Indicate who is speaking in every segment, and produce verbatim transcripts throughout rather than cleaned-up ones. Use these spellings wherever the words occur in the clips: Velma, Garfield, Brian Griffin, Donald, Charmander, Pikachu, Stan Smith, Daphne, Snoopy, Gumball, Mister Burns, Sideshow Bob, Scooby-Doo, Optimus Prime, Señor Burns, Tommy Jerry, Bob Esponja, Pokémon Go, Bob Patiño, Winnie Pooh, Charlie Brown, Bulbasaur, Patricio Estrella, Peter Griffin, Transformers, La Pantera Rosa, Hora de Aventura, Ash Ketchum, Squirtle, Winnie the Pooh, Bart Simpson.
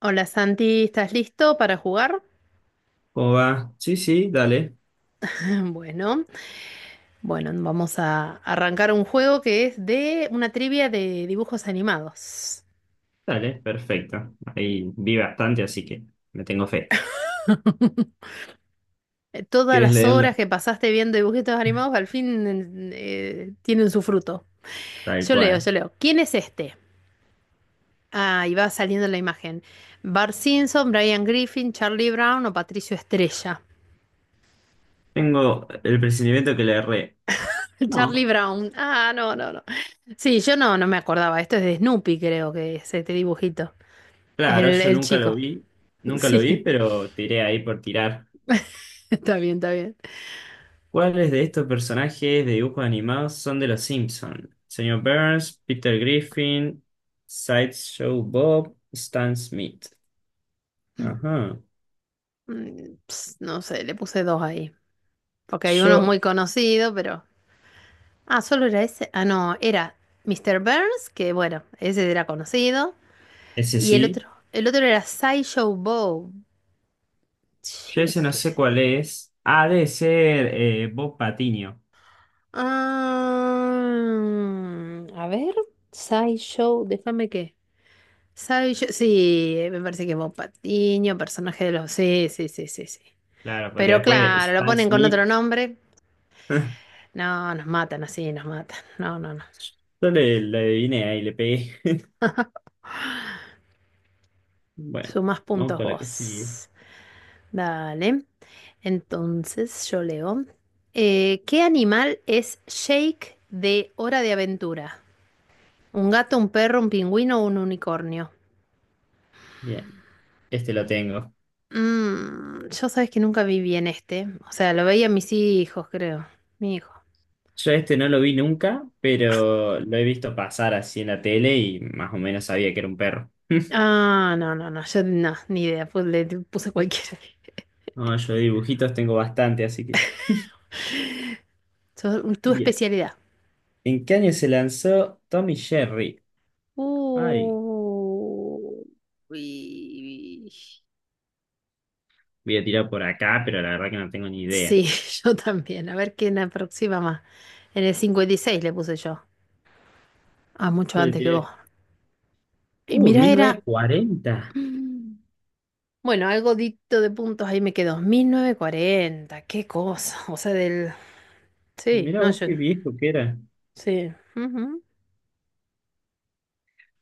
Speaker 1: Hola Santi, ¿estás listo para jugar?
Speaker 2: ¿Cómo va? Sí, sí, dale,
Speaker 1: Bueno, bueno, vamos a arrancar un juego que es de una trivia de dibujos animados.
Speaker 2: dale, perfecto. Ahí vi bastante, así que me tengo fe.
Speaker 1: Eh, Todas
Speaker 2: ¿Quieres
Speaker 1: las
Speaker 2: leerla?
Speaker 1: horas que pasaste viendo dibujitos animados al fin eh, tienen su fruto.
Speaker 2: Tal
Speaker 1: Yo leo,
Speaker 2: cual.
Speaker 1: yo leo. ¿Quién es este? Ah, y va saliendo la imagen. Bart Simpson, Brian Griffin, Charlie Brown o Patricio Estrella.
Speaker 2: Tengo el presentimiento que le erré.
Speaker 1: Charlie
Speaker 2: No,
Speaker 1: Brown. Ah, no, no, no. Sí, yo no, no me acordaba. Esto es de Snoopy, creo que es este dibujito.
Speaker 2: claro,
Speaker 1: el
Speaker 2: yo
Speaker 1: el
Speaker 2: nunca lo
Speaker 1: chico.
Speaker 2: vi, nunca lo vi,
Speaker 1: Sí,
Speaker 2: pero tiré ahí por tirar.
Speaker 1: está bien, está bien.
Speaker 2: ¿Cuáles de estos personajes de dibujos animados son de los Simpson? Señor Burns, Peter Griffin, Sideshow Bob, Stan Smith. Ajá.
Speaker 1: Mm, ps, no sé, le puse dos ahí. Porque hay unos
Speaker 2: Yo,
Speaker 1: muy conocidos, pero. Ah, solo era ese. Ah, no, era Mister Burns, que bueno, ese era conocido.
Speaker 2: ese
Speaker 1: Y el
Speaker 2: sí.
Speaker 1: otro, el otro era Sideshow Bob.
Speaker 2: Yo
Speaker 1: Che,
Speaker 2: ese no
Speaker 1: ¿qué
Speaker 2: sé
Speaker 1: es?
Speaker 2: cuál es. Ha de ser eh, Bob Patiño.
Speaker 1: Ah, a ver, Sideshow, déjame que. Sideshow, sí, me parece que es Bob Patiño, personaje de los. Sí, sí, sí, sí, sí.
Speaker 2: Claro, porque
Speaker 1: Pero
Speaker 2: después
Speaker 1: claro, lo
Speaker 2: Stan
Speaker 1: ponen con
Speaker 2: Smith.
Speaker 1: otro nombre. No, nos matan así, nos matan. No, no, no.
Speaker 2: Yo le, le adiviné ahí, le pegué. Bueno,
Speaker 1: Sumas
Speaker 2: vamos
Speaker 1: puntos
Speaker 2: con la que sigue.
Speaker 1: vos. Dale. Entonces yo leo. Eh, ¿qué animal es Shake de Hora de Aventura? ¿Un gato, un perro, un pingüino o un unicornio?
Speaker 2: Bien, este lo tengo.
Speaker 1: Mm, yo sabes que nunca vi bien este. O sea, lo veía mis hijos, creo. Mi hijo.
Speaker 2: Yo este no lo vi nunca, pero lo he visto pasar así en la tele y más o menos sabía que era un perro.
Speaker 1: Ah, no, no, no. Yo no, ni idea. Pues le puse cualquiera.
Speaker 2: No, yo de dibujitos tengo bastante, así que.
Speaker 1: Yo- tu
Speaker 2: Bien.
Speaker 1: especialidad.
Speaker 2: ¿En qué año se lanzó Tommy Jerry?
Speaker 1: Uh,
Speaker 2: Ay,
Speaker 1: Uy.
Speaker 2: voy a tirar por acá, pero la verdad que no tengo ni idea.
Speaker 1: Sí, yo también. A ver quién aproxima más. En el cincuenta y seis le puse yo. Ah, mucho
Speaker 2: Yo le
Speaker 1: antes que vos.
Speaker 2: tiré
Speaker 1: Y
Speaker 2: Uh,
Speaker 1: mira
Speaker 2: mil novecientos
Speaker 1: era...
Speaker 2: cuarenta.
Speaker 1: Mm. Bueno, algo dicto de puntos ahí me quedó. Mil novecientos cuarenta qué cosa. O sea, del... Sí,
Speaker 2: Mirá
Speaker 1: no,
Speaker 2: vos
Speaker 1: yo...
Speaker 2: qué viejo que era.
Speaker 1: Sí. Ujú.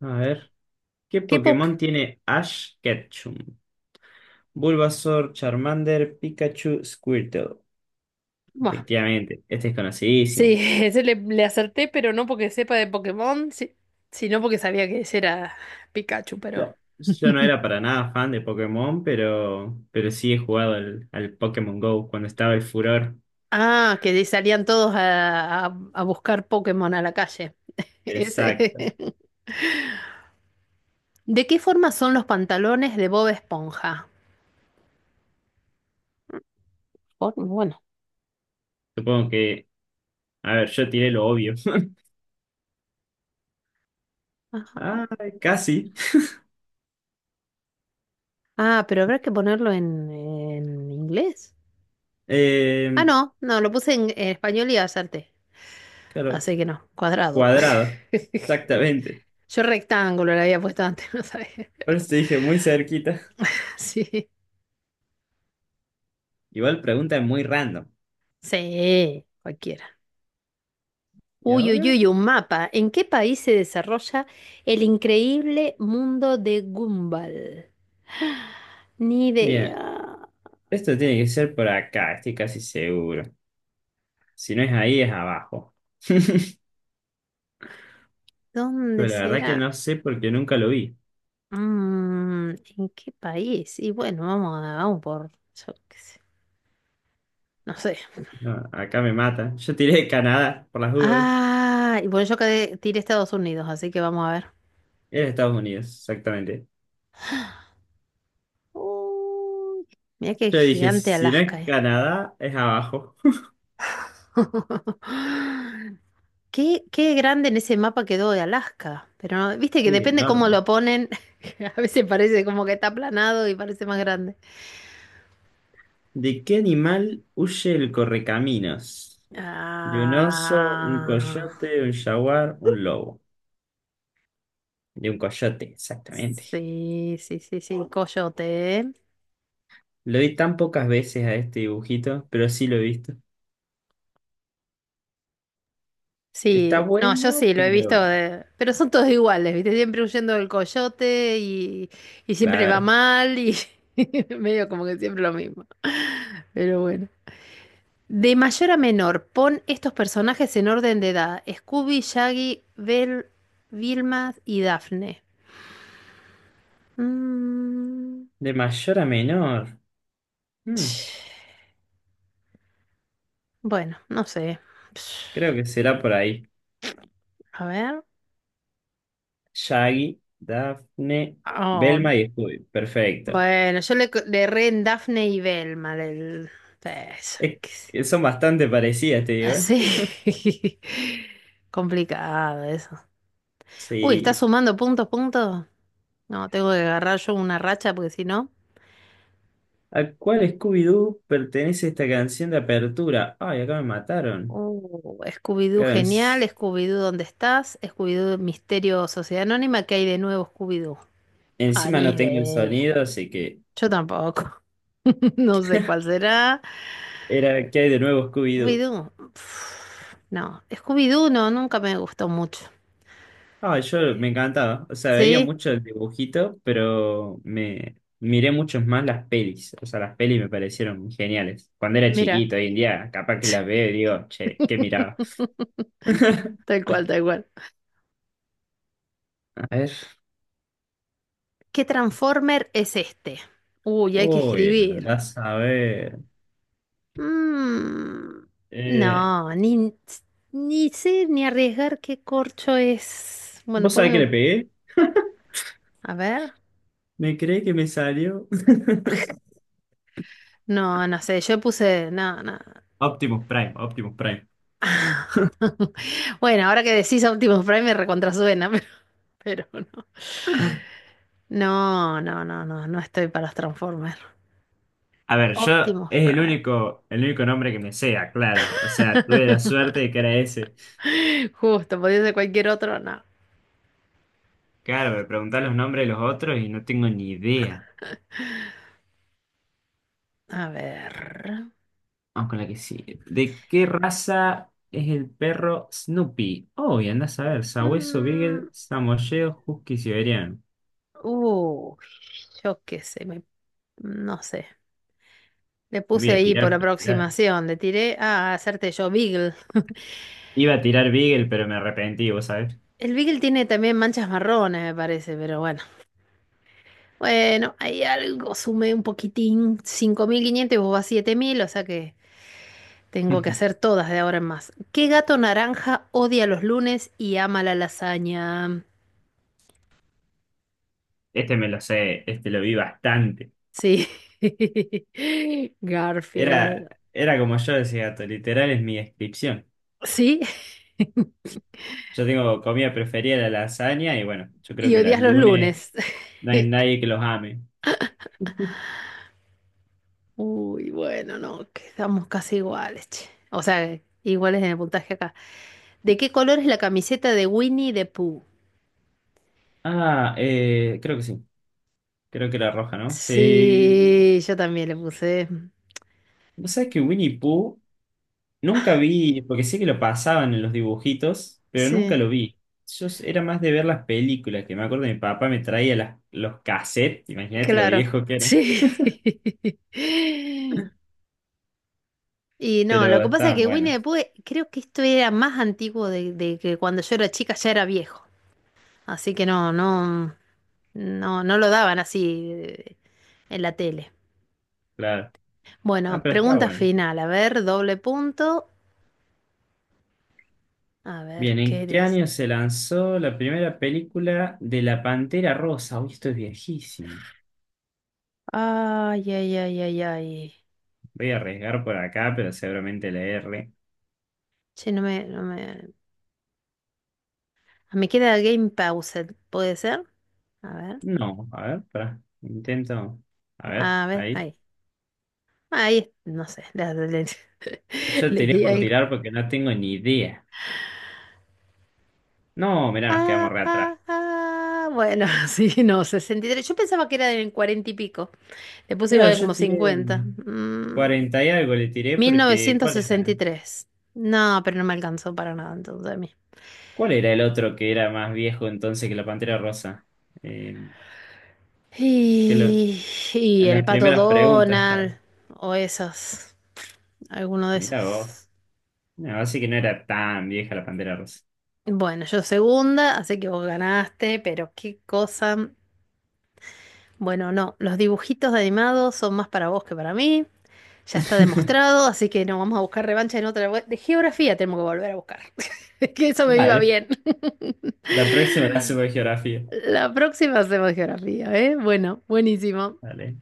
Speaker 2: A ver, ¿qué
Speaker 1: Qué poco.
Speaker 2: Pokémon tiene Ash Ketchum? Bulbasaur, Charmander, Pikachu, Squirtle. Efectivamente, este es
Speaker 1: Sí,
Speaker 2: conocidísimo.
Speaker 1: ese le, le acerté, pero no porque sepa de Pokémon, si- sino porque sabía que ese era Pikachu, pero...
Speaker 2: Claro, yo no era para nada fan de Pokémon, pero, pero sí he jugado al, al Pokémon Go cuando estaba el furor.
Speaker 1: Ah, que salían todos a, a- a buscar Pokémon a la calle. Ese.
Speaker 2: Exacto.
Speaker 1: ¿De qué forma son los pantalones de Bob Esponja? Por- Bueno.
Speaker 2: Supongo que, a ver, yo tiré lo obvio.
Speaker 1: Ajá.
Speaker 2: Ah, casi.
Speaker 1: Ah, pero habrá que ponerlo en, en inglés. Ah,
Speaker 2: Eh,
Speaker 1: no, no, lo puse en, en español y acerté.
Speaker 2: claro,
Speaker 1: Así que no, cuadrado.
Speaker 2: cuadrado. Exactamente.
Speaker 1: Yo rectángulo le había puesto antes, no sabía.
Speaker 2: Por eso te dije muy cerquita.
Speaker 1: Sí,
Speaker 2: Igual pregunta es muy random.
Speaker 1: sí, cualquiera.
Speaker 2: ¿Y
Speaker 1: Uy, uy,
Speaker 2: ahora?
Speaker 1: uy, un mapa. ¿En qué país se desarrolla el increíble mundo de Gumball? Ni
Speaker 2: Bien,
Speaker 1: idea.
Speaker 2: esto tiene que ser por acá, estoy casi seguro. Si no es ahí, es abajo.
Speaker 1: ¿Dónde
Speaker 2: Pero la verdad
Speaker 1: será?
Speaker 2: que no sé porque nunca lo vi.
Speaker 1: Mm, ¿en qué país? Y bueno, vamos, a- vamos por, yo qué sé, no sé.
Speaker 2: No, acá me mata. Yo tiré de Canadá, por las dudas.
Speaker 1: Ah, y bueno, yo quedé- tiré Estados Unidos, así que vamos a ver.
Speaker 2: Era Estados Unidos, exactamente.
Speaker 1: Uy, mira qué
Speaker 2: Yo dije,
Speaker 1: gigante
Speaker 2: si no
Speaker 1: Alaska,
Speaker 2: es
Speaker 1: eh.
Speaker 2: Canadá, es abajo.
Speaker 1: Qué, qué grande en ese mapa quedó de Alaska. Pero no- viste que
Speaker 2: Sí,
Speaker 1: depende cómo
Speaker 2: enorme.
Speaker 1: lo ponen. A veces parece como que está aplanado y parece más grande.
Speaker 2: ¿De qué animal huye el correcaminos? De un oso, un
Speaker 1: Ah,
Speaker 2: coyote, un jaguar, un lobo. De un coyote, exactamente.
Speaker 1: sí, sí, sí, sí, coyote, ¿eh?
Speaker 2: Lo vi tan pocas veces a este dibujito, pero sí lo he visto. Está
Speaker 1: Sí, no, yo
Speaker 2: bueno,
Speaker 1: sí, lo he visto,
Speaker 2: pero
Speaker 1: de- pero son todos iguales, ¿viste? Siempre huyendo del coyote y, y siempre le va
Speaker 2: claro,
Speaker 1: mal y medio como que siempre lo mismo. Pero bueno. De mayor a menor, pon estos personajes en orden de edad. Scooby, Shaggy, Bell, Vilma y Daphne. Mm,
Speaker 2: de mayor a menor. Mm,
Speaker 1: bueno, no sé.
Speaker 2: creo que será por ahí.
Speaker 1: A ver.
Speaker 2: Shaggy, Daphne,
Speaker 1: Oh,
Speaker 2: Velma y Scooby. Perfecto.
Speaker 1: bueno, yo le, le erré en Daphne y Velma. el- eso,
Speaker 2: Es
Speaker 1: qué sé.
Speaker 2: que son bastante parecidas, te digo, ¿eh?
Speaker 1: Así. Complicado eso. Uy, ¿estás
Speaker 2: Sí.
Speaker 1: sumando puntos, puntos? No, tengo que agarrar yo una racha porque si no.
Speaker 2: ¿A cuál Scooby-Doo pertenece esta canción de apertura? Ay, acá me mataron.
Speaker 1: Uh, Scooby-Doo
Speaker 2: Claro, en-
Speaker 1: genial, Scooby-Doo ¿dónde estás? Scooby-Doo Misterio Sociedad Anónima, ¿qué hay de nuevo Scooby-Doo? Ah,
Speaker 2: encima
Speaker 1: ni
Speaker 2: no tengo el
Speaker 1: idea.
Speaker 2: sonido, así que
Speaker 1: Yo tampoco. No sé cuál será.
Speaker 2: era ¿qué hay de nuevo, Scooby-Doo?
Speaker 1: Scooby-Doo. pf, No, Scooby-Doo no, nunca me gustó mucho.
Speaker 2: Ah, yo me encantaba. O sea, veía
Speaker 1: ¿Sí?
Speaker 2: mucho el dibujito, pero me miré mucho más las pelis. O sea, las pelis me parecieron geniales. Cuando era
Speaker 1: Mira.
Speaker 2: chiquito, hoy en día, capaz que las veo y digo, che, ¿qué miraba?
Speaker 1: Tal cual, tal cual.
Speaker 2: A ver.
Speaker 1: ¿Qué Transformer es este? Uy, hay que
Speaker 2: Uy,
Speaker 1: escribir.
Speaker 2: andás a ver.
Speaker 1: Mm, no,
Speaker 2: Eh,
Speaker 1: ni, ni sé ni arriesgar qué corcho es. Bueno,
Speaker 2: ¿vos sabés
Speaker 1: pongo
Speaker 2: que le
Speaker 1: un-
Speaker 2: pegué?
Speaker 1: a ver.
Speaker 2: Me creí que me salió.
Speaker 1: No, no sé, yo puse, no, no.
Speaker 2: Optimus Prime, Optimus Prime.
Speaker 1: Bueno, ahora que decís Optimus Prime me recontrasuena, pero, pero no. No, no, no, no, no estoy para los Transformers.
Speaker 2: A ver, yo
Speaker 1: Optimus
Speaker 2: es el
Speaker 1: Prime.
Speaker 2: único, el único nombre que me sea, claro. O sea, tuve la suerte de que era ese.
Speaker 1: Justo, podía ser cualquier otro, no.
Speaker 2: Claro, me preguntás los nombres de los otros y no tengo ni idea.
Speaker 1: A ver.
Speaker 2: Vamos con la que sí. ¿De qué raza es el perro Snoopy? Oh, y anda a saber. Sabueso, Beagle,
Speaker 1: Mm,
Speaker 2: Samoyedo, Husky, Siberiano.
Speaker 1: uy, yo qué sé, me- no sé. Le puse
Speaker 2: Voy a
Speaker 1: ahí por
Speaker 2: tirar, pero tirar.
Speaker 1: aproximación, le tiré a hacerte yo Beagle.
Speaker 2: Iba a tirar Beagle, pero me arrepentí, vos sabés.
Speaker 1: El Beagle tiene también manchas marrones, me parece, pero bueno. Bueno, hay algo, sumé un poquitín, cinco mil quinientos y vos vas siete mil, o sea que tengo que hacer todas de ahora en más. ¿Qué gato naranja odia los lunes y ama la lasaña?
Speaker 2: Este me lo sé, este lo vi bastante.
Speaker 1: Sí,
Speaker 2: Era,
Speaker 1: Garfield.
Speaker 2: era como yo decía, gato, literal es mi descripción.
Speaker 1: Sí,
Speaker 2: Yo tengo comida preferida la lasaña y bueno, yo creo
Speaker 1: y
Speaker 2: que las
Speaker 1: odias los
Speaker 2: lunes
Speaker 1: lunes.
Speaker 2: no hay nadie que los ame.
Speaker 1: Uy, bueno, no, quedamos casi iguales, che. O sea, iguales en el puntaje acá. ¿De qué color es la camiseta de Winnie the Pooh?
Speaker 2: Ah, eh, creo que sí. Creo que la roja, ¿no? Sí.
Speaker 1: Sí, yo también le puse.
Speaker 2: Vos sabés que Winnie Pooh nunca vi, porque sé que lo pasaban en los dibujitos, pero nunca
Speaker 1: Sí,
Speaker 2: lo vi. Yo s- era más de ver las películas, que me acuerdo mi papá me traía las, los cassettes, imagínate lo
Speaker 1: claro.
Speaker 2: viejo que eran,
Speaker 1: Sí. Y no, lo
Speaker 2: pero
Speaker 1: que pasa es
Speaker 2: estaban
Speaker 1: que Winnie
Speaker 2: buenas,
Speaker 1: the Pooh, eh, creo que esto era más antiguo de, de que cuando yo era chica ya era viejo. Así que no, no, no, no lo daban así eh, en la tele.
Speaker 2: claro. Ah,
Speaker 1: Bueno,
Speaker 2: pero estaba
Speaker 1: pregunta
Speaker 2: bueno.
Speaker 1: final. A ver, doble punto. A ver,
Speaker 2: Bien,
Speaker 1: ¿qué
Speaker 2: ¿en qué
Speaker 1: eres?
Speaker 2: año se lanzó la primera película de La Pantera Rosa? Uy, esto es viejísimo.
Speaker 1: Ay, ay, ay, ay, ay.
Speaker 2: Voy a arriesgar por acá, pero seguramente la R.
Speaker 1: Che, no me, no me, Ah, me queda Game Paused, ¿puede ser? A ver,
Speaker 2: No, a ver, pará. Intento. A ver,
Speaker 1: a ver,
Speaker 2: ahí.
Speaker 1: ahí. Ahí, no sé, le, le-
Speaker 2: Yo
Speaker 1: le
Speaker 2: tiré
Speaker 1: di
Speaker 2: por
Speaker 1: algo.
Speaker 2: tirar porque no tengo ni idea. No, mirá, nos quedamos
Speaker 1: Ah,
Speaker 2: re atrás.
Speaker 1: ah, ah. Bueno, sí, no, sesenta y tres. Yo pensaba que era del cuarenta y pico. Le puse
Speaker 2: Claro,
Speaker 1: igual como
Speaker 2: yo tiré
Speaker 1: cincuenta. Mm,
Speaker 2: cuarenta y algo le tiré
Speaker 1: mil
Speaker 2: porque
Speaker 1: novecientos
Speaker 2: ¿cuál
Speaker 1: sesenta
Speaker 2: era?
Speaker 1: y tres. No, pero no me alcanzó para nada entonces a mí.
Speaker 2: ¿Cuál era el otro que era más viejo entonces que la Pantera Rosa? Eh, que lo,
Speaker 1: Y, y
Speaker 2: en
Speaker 1: el
Speaker 2: las
Speaker 1: pato
Speaker 2: primeras preguntas estaba.
Speaker 1: Donald, o esos, alguno de
Speaker 2: Mirá vos.
Speaker 1: esos.
Speaker 2: No, así que no era tan vieja la Pantera Rosa.
Speaker 1: Bueno, yo segunda, así que vos ganaste, pero qué cosa. mm, Bueno, no, los dibujitos de animados son más para vos que para mí. Ya está demostrado, así que no vamos a buscar revancha en otra. De geografía tenemos que volver a buscar. Que eso me iba
Speaker 2: Dale,
Speaker 1: bien.
Speaker 2: la próxima la hacemos de geografía.
Speaker 1: La próxima hacemos geografía, ¿eh? Bueno, buenísimo.
Speaker 2: Dale.